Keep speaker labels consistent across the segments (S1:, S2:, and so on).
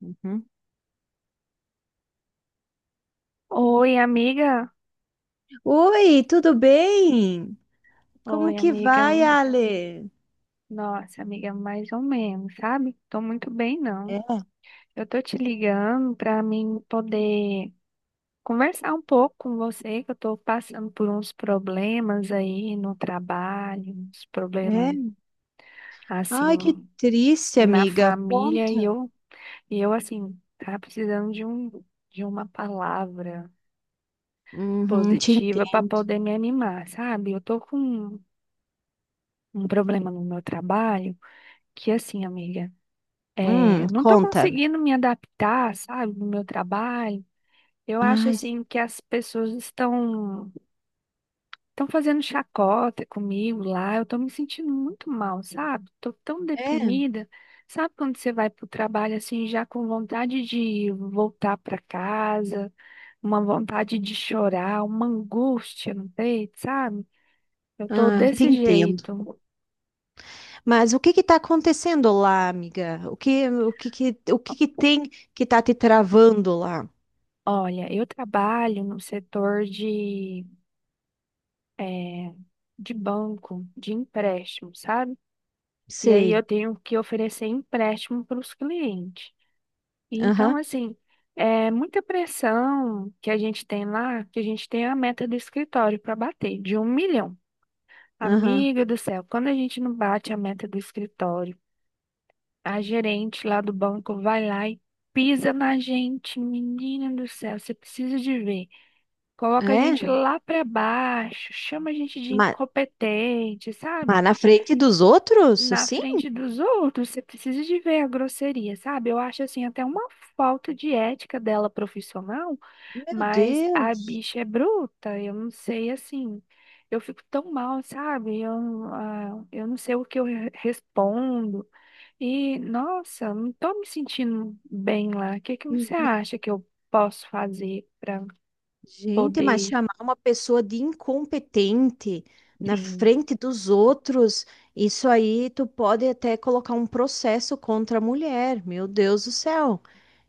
S1: Uhum.
S2: Oi, amiga.
S1: Oi, tudo bem? Como
S2: Oi,
S1: que
S2: amiga.
S1: vai, Ale?
S2: Nossa, amiga, mais ou menos, sabe? Tô muito bem, não.
S1: É,
S2: Eu tô te ligando pra mim poder conversar um pouco com você, que eu tô passando por uns problemas aí no trabalho, uns problemas
S1: é. Ai, que
S2: assim
S1: triste,
S2: na
S1: amiga.
S2: família e
S1: Conta.
S2: eu e eu assim, tá precisando de um de uma palavra
S1: Uhum, te
S2: positiva pra
S1: entendo.
S2: poder me animar, sabe? Eu tô com um problema no meu trabalho que assim, amiga, é, não estou
S1: Conta.
S2: conseguindo me adaptar, sabe, no meu trabalho. Eu acho
S1: Ai,
S2: assim que as pessoas estão fazendo chacota comigo lá. Eu estou me sentindo muito mal, sabe? Estou tão
S1: é.
S2: deprimida. Sabe quando você vai para o trabalho assim já com vontade de voltar para casa, uma vontade de chorar, uma angústia no peito, sabe? Eu estou
S1: Ah, te
S2: desse
S1: entendo.
S2: jeito.
S1: Mas o que que tá acontecendo lá, amiga? O que que tem que tá te travando lá?
S2: Olha, eu trabalho no setor é, de banco, de empréstimo, sabe? E aí
S1: Sei.
S2: eu tenho que oferecer empréstimo para os clientes. Então,
S1: Aham,
S2: assim, é muita pressão que a gente tem lá, que a gente tem a meta do escritório para bater, de um milhão.
S1: aham.
S2: Amiga do céu, quando a gente não bate a meta do escritório, a gerente lá do banco vai lá e pisa na gente, menina do céu, você precisa de ver. Coloca a gente
S1: É?
S2: lá para baixo, chama a gente de
S1: Mas,
S2: incompetente, sabe?
S1: mas na frente dos outros,
S2: Na
S1: assim?
S2: frente dos outros, você precisa de ver a grosseria, sabe? Eu acho assim até uma falta de ética dela profissional,
S1: Meu
S2: mas a
S1: Deus.
S2: bicha é bruta, eu não sei assim. Eu fico tão mal, sabe? Eu, eu não sei o que eu respondo. E, nossa, não tô me sentindo bem lá. O que que você acha que eu posso fazer para
S1: Gente, mas
S2: poder,
S1: chamar uma pessoa de incompetente na
S2: sim.
S1: frente dos outros, isso aí tu pode até colocar um processo contra a mulher. Meu Deus do céu.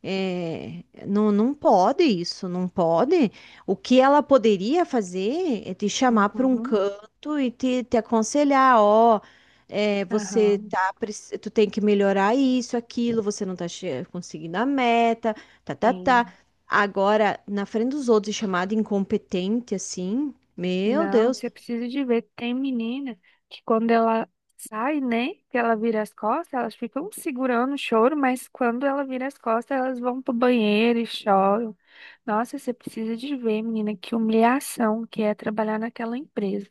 S1: É, não pode isso, não pode. O que ela poderia fazer é te chamar para um
S2: Uhum.
S1: canto e te aconselhar, ó, é, você
S2: Aham,
S1: tá, tu tem que melhorar isso, aquilo, você não tá conseguindo a meta, tá.
S2: sim.
S1: Agora, na frente dos outros, e chamada incompetente assim, meu
S2: Não,
S1: Deus,
S2: você precisa de ver. Tem menina que quando ela sai, né? Que ela vira as costas, elas ficam segurando o choro, mas quando ela vira as costas, elas vão pro banheiro e choram. Nossa, você precisa de ver, menina, que humilhação que é trabalhar naquela empresa.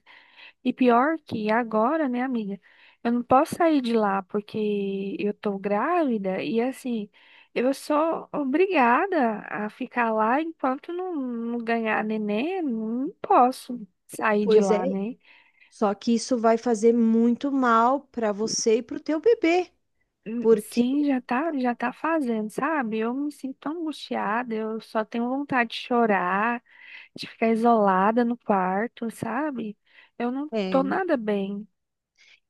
S2: E pior que agora, né, amiga? Eu não posso sair de lá porque eu tô grávida e assim, eu sou obrigada a ficar lá enquanto não ganhar neném, não posso sair de
S1: pois
S2: lá,
S1: é.
S2: né?
S1: Só que isso vai fazer muito mal para você e para o teu bebê, porque
S2: Sim, já tá fazendo, sabe? Eu me sinto tão angustiada, eu só tenho vontade de chorar, de ficar isolada no quarto, sabe? Eu não tô
S1: é,
S2: nada bem.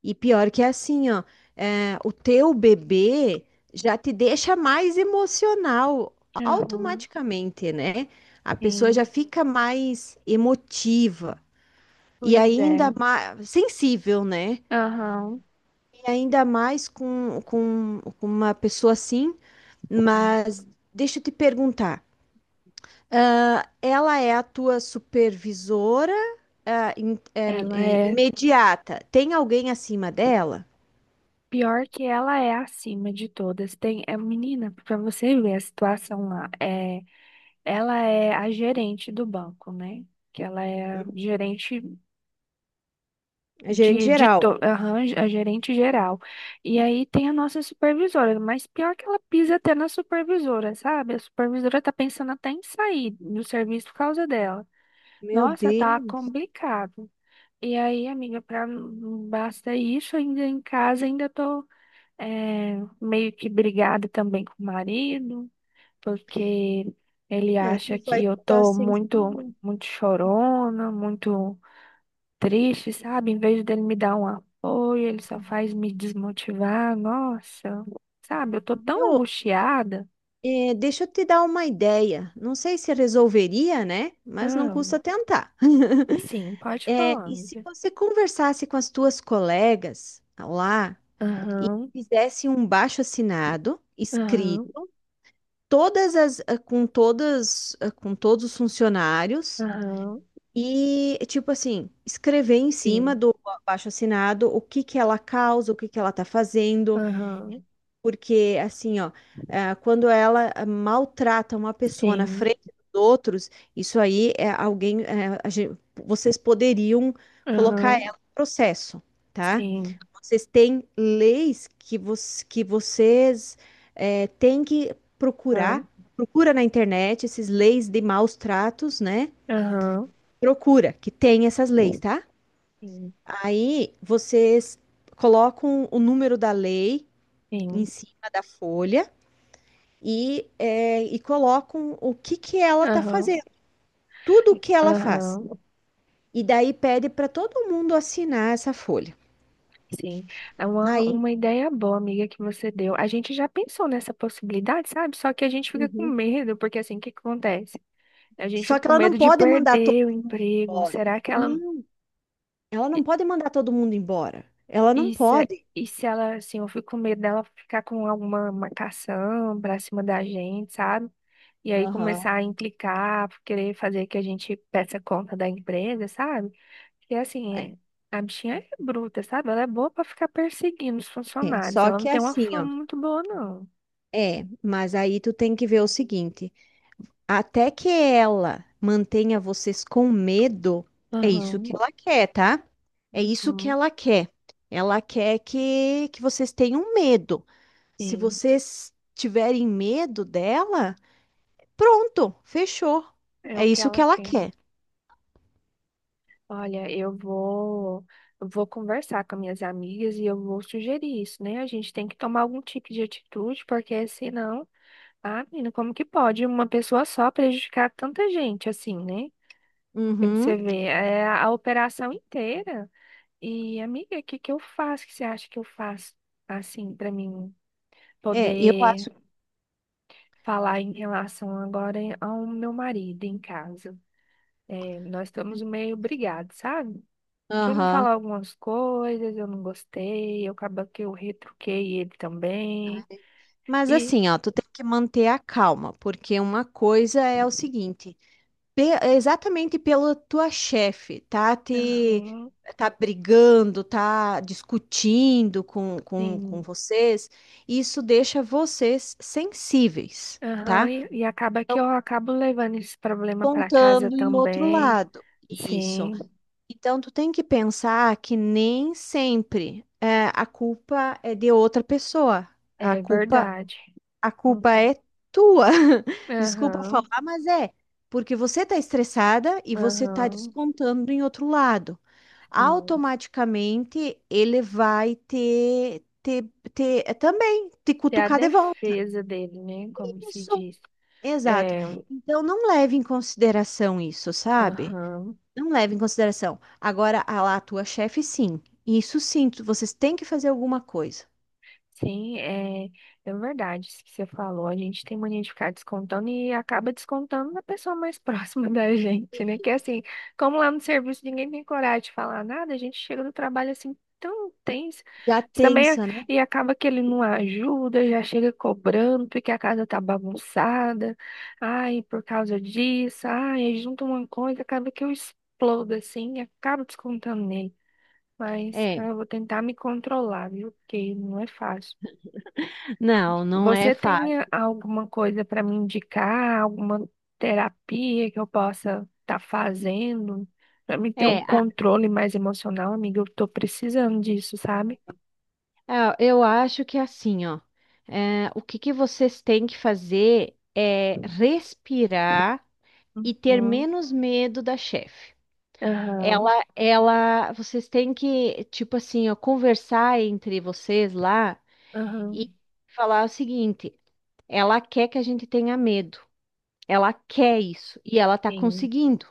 S1: e pior que é assim, ó, é, o teu bebê já te deixa mais emocional
S2: Aham,
S1: automaticamente, né? A pessoa já
S2: sim,
S1: fica mais emotiva e
S2: pois
S1: ainda
S2: é.
S1: mais sensível, né?
S2: Aham.
S1: E ainda mais com uma pessoa assim. Mas deixa eu te perguntar, ah, ela é a tua supervisora, ah,
S2: Ela
S1: é
S2: é
S1: imediata? Tem alguém acima dela?
S2: Pior que ela é acima de todas. Tem, é menina, para você ver a situação lá, é, ela é a gerente do banco, né? Que ela é a gerente
S1: É gerente
S2: de,
S1: geral.
S2: aham, a gerente geral. E aí tem a nossa supervisora, mas pior que ela pisa até na supervisora, sabe? A supervisora tá pensando até em sair do serviço por causa dela.
S1: Meu
S2: Nossa, tá
S1: Deus,
S2: complicado. E aí, amiga, pra, basta isso, ainda em casa, ainda tô é, meio que brigada também com o marido, porque ele
S1: é,
S2: acha
S1: tu vai
S2: que eu
S1: estar
S2: tô muito,
S1: sensível.
S2: muito chorona, muito triste, sabe? Em vez dele me dar um apoio, ele só faz me desmotivar. Nossa, sabe? Eu tô tão
S1: Viu?
S2: angustiada.
S1: É, deixa eu te dar uma ideia. Não sei se resolveria, né? Mas não
S2: Ah,
S1: custa tentar.
S2: sim, pode
S1: É,
S2: falar,
S1: e se
S2: amiga.
S1: você conversasse com as tuas colegas lá e
S2: Aham,
S1: fizesse um baixo assinado
S2: aham,
S1: escrito todas as com todas com todos os funcionários
S2: aham,
S1: e tipo assim, escrever em cima
S2: sim,
S1: do abaixo-assinado o que que ela causa, o que que ela tá fazendo,
S2: aham,
S1: porque, assim, ó, ah, quando ela maltrata uma pessoa na
S2: sim,
S1: frente dos outros, isso aí é alguém. É, vocês poderiam colocar
S2: aham,
S1: ela em processo, tá?
S2: sim,
S1: Vocês têm leis que, que vocês é, têm que
S2: aham,
S1: procurar. Procura na internet esses leis de maus tratos, né?
S2: aham,
S1: Procura, que tem essas leis, tá?
S2: sim,
S1: Aí vocês colocam o número da lei em
S2: sim.
S1: cima da folha e, é, e colocam o que, que ela está
S2: Aham.
S1: fazendo, tudo o que ela faz.
S2: Aham,
S1: E daí pede para todo mundo assinar essa folha.
S2: sim. É
S1: Aí,
S2: uma ideia boa, amiga, que você deu. A gente já pensou nessa possibilidade, sabe? Só que a gente fica com
S1: uhum,
S2: medo, porque assim, o que que acontece? A gente
S1: só
S2: fica
S1: que
S2: com
S1: ela não
S2: medo de
S1: pode mandar todo...
S2: perder o emprego.
S1: Olha.
S2: Será que ela.
S1: Não, ela
S2: E,
S1: não pode mandar todo mundo embora. Ela não
S2: e se,
S1: pode.
S2: e se ela, assim, eu fico com medo dela ficar com alguma marcação pra cima da gente, sabe? E aí
S1: Aham.
S2: começar a implicar, querer fazer que a gente peça conta da empresa, sabe? E assim,
S1: É,
S2: é- a bichinha é bruta, sabe? Ela é boa pra ficar perseguindo os
S1: é,
S2: funcionários.
S1: só
S2: Ela não
S1: que é
S2: tem uma
S1: assim,
S2: fama
S1: ó.
S2: muito boa, não.
S1: É, mas aí tu tem que ver o seguinte. Até que ela mantenha vocês com medo, é isso
S2: Aham.
S1: que ela quer, tá? É isso que
S2: Uhum,
S1: ela quer. Ela quer que vocês tenham medo. Se
S2: sim,
S1: vocês tiverem medo dela, pronto, fechou.
S2: é
S1: É
S2: o que
S1: isso que
S2: ela
S1: ela
S2: quer.
S1: quer.
S2: Olha, eu vou conversar com minhas amigas e eu vou sugerir isso, né? A gente tem que tomar algum tipo de atitude, porque senão, ah, menina, como que pode uma pessoa só prejudicar tanta gente assim, né? Porque você
S1: Uhum.
S2: vê, é a operação inteira. E, amiga, o que que eu faço? O que você acha que eu faço, assim, para mim
S1: É, eu
S2: poder
S1: acho.
S2: falar em relação agora ao meu marido em casa? É, nós estamos meio brigados, sabe? Que ele me
S1: Aham.
S2: falou algumas coisas, eu não gostei, eu acaba que eu retruquei ele também.
S1: Mas
S2: E,
S1: assim, ó, tu tem que manter a calma, porque uma coisa é o seguinte. Exatamente pela tua chefe, tá te...
S2: aham,
S1: tá brigando, tá discutindo com
S2: sim,
S1: vocês, isso deixa vocês sensíveis,
S2: aham,
S1: tá?
S2: e acaba que
S1: Então,
S2: eu acabo levando esse problema para casa
S1: contando em outro
S2: também.
S1: lado. Isso.
S2: Sim,
S1: Então, tu tem que pensar que nem sempre é, a culpa é de outra pessoa. A
S2: é
S1: culpa
S2: verdade.
S1: a culpa
S2: Uhum.
S1: é tua. Desculpa
S2: Aham.
S1: falar, mas é porque você está estressada e você está
S2: Aham,
S1: descontando em outro lado.
S2: sim.
S1: Automaticamente ele vai também te
S2: Tem a
S1: cutucar de volta.
S2: defesa dele, né? Como se
S1: Isso,
S2: diz.
S1: exato.
S2: É,
S1: Então não leve em consideração isso, sabe?
S2: aham.
S1: Não leve em consideração. Agora, a lá, a tua chefe, sim. Isso sim, vocês têm que fazer alguma coisa.
S2: Sim, é, é verdade isso que você falou. A gente tem mania de ficar descontando e acaba descontando na pessoa mais próxima da gente, né? Que assim, como lá no serviço ninguém tem coragem de falar nada, a gente chega do trabalho assim tão tenso.
S1: Já
S2: Mas também
S1: tensa, né?
S2: e acaba que ele não ajuda, já chega cobrando porque a casa tá bagunçada. Ai, por causa disso, ai, aí junta uma coisa, acaba que eu explodo assim e acabo descontando nele. Mas
S1: É.
S2: eu vou tentar me controlar, viu? Porque não é fácil.
S1: Não, não é
S2: Você
S1: fácil.
S2: tem alguma coisa para me indicar, alguma terapia que eu possa estar fazendo para me ter um
S1: É, a,
S2: controle mais emocional, amiga? Eu tô precisando disso, sabe?
S1: Ah, eu acho que é assim, ó. É, o que que vocês têm que fazer é respirar e ter
S2: Uhum,
S1: menos medo da chefe.
S2: aham,
S1: Vocês têm que, tipo assim, ó, conversar entre vocês lá
S2: aham,
S1: e falar o seguinte: ela quer que a gente tenha medo, ela quer isso e ela tá
S2: sim,
S1: conseguindo.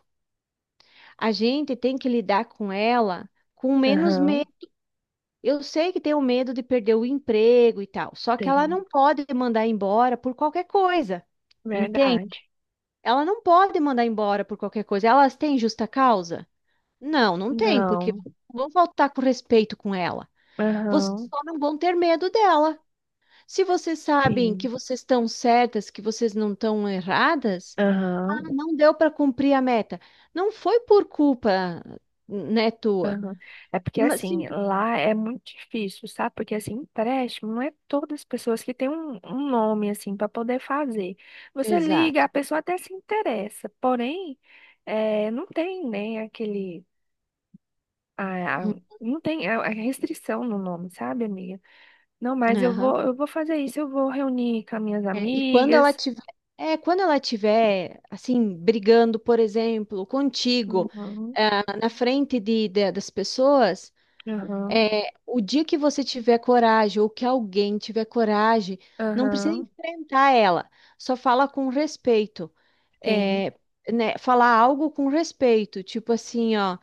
S1: A gente tem que lidar com ela com menos
S2: aham,
S1: medo. Eu sei que tem o medo de perder o emprego e tal, só que ela não
S2: tem,
S1: pode mandar embora por qualquer coisa, entende?
S2: verdade.
S1: Ela não pode mandar embora por qualquer coisa. Elas têm justa causa? Não, não tem, porque
S2: Não,
S1: não vão faltar com respeito com ela. Vocês
S2: aham,
S1: só não vão ter medo dela. Se vocês sabem que
S2: sim,
S1: vocês estão certas, que vocês não estão erradas, ah,
S2: aham.
S1: não deu para cumprir a meta. Não foi por culpa, né, tua.
S2: Aham. É porque
S1: Mas
S2: assim,
S1: sim,
S2: lá é muito difícil, sabe? Porque assim, empréstimo não é todas as pessoas que têm um nome assim para poder fazer. Você liga,
S1: exato.
S2: a pessoa até se interessa, porém, não tem nem aquele a, a- não tem a restrição no nome, sabe, amiga? Não, mas
S1: Uhum.
S2: eu vou fazer isso, eu vou reunir com as minhas
S1: É, e quando ela
S2: amigas.
S1: tiver, é, quando ela tiver assim brigando, por exemplo, contigo,
S2: Uhum.
S1: ah, na frente das pessoas,
S2: Aham.
S1: é, o dia que você tiver coragem ou que alguém tiver coragem, não precisa
S2: Aham.
S1: enfrentar ela, só fala com respeito,
S2: Sim.
S1: é, né, falar algo com respeito, tipo assim, ó,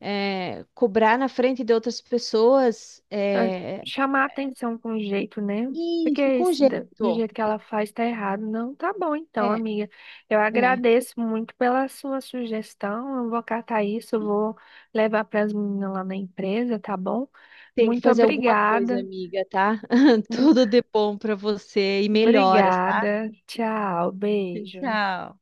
S1: é, cobrar na frente de outras pessoas,
S2: Ah,
S1: é,
S2: chamar a atenção com jeito, né? Porque
S1: isso, com
S2: esse
S1: jeito.
S2: do jeito que ela faz tá errado. Não, tá bom então,
S1: É,
S2: amiga. Eu
S1: é.
S2: agradeço muito pela sua sugestão. Eu vou catar isso, eu vou levar para as meninas lá na empresa, tá bom?
S1: Tem que
S2: Muito
S1: fazer alguma coisa,
S2: obrigada.
S1: amiga, tá? Tudo de bom pra você e melhoras, tá?
S2: Obrigada. Tchau, beijo.
S1: Tchau.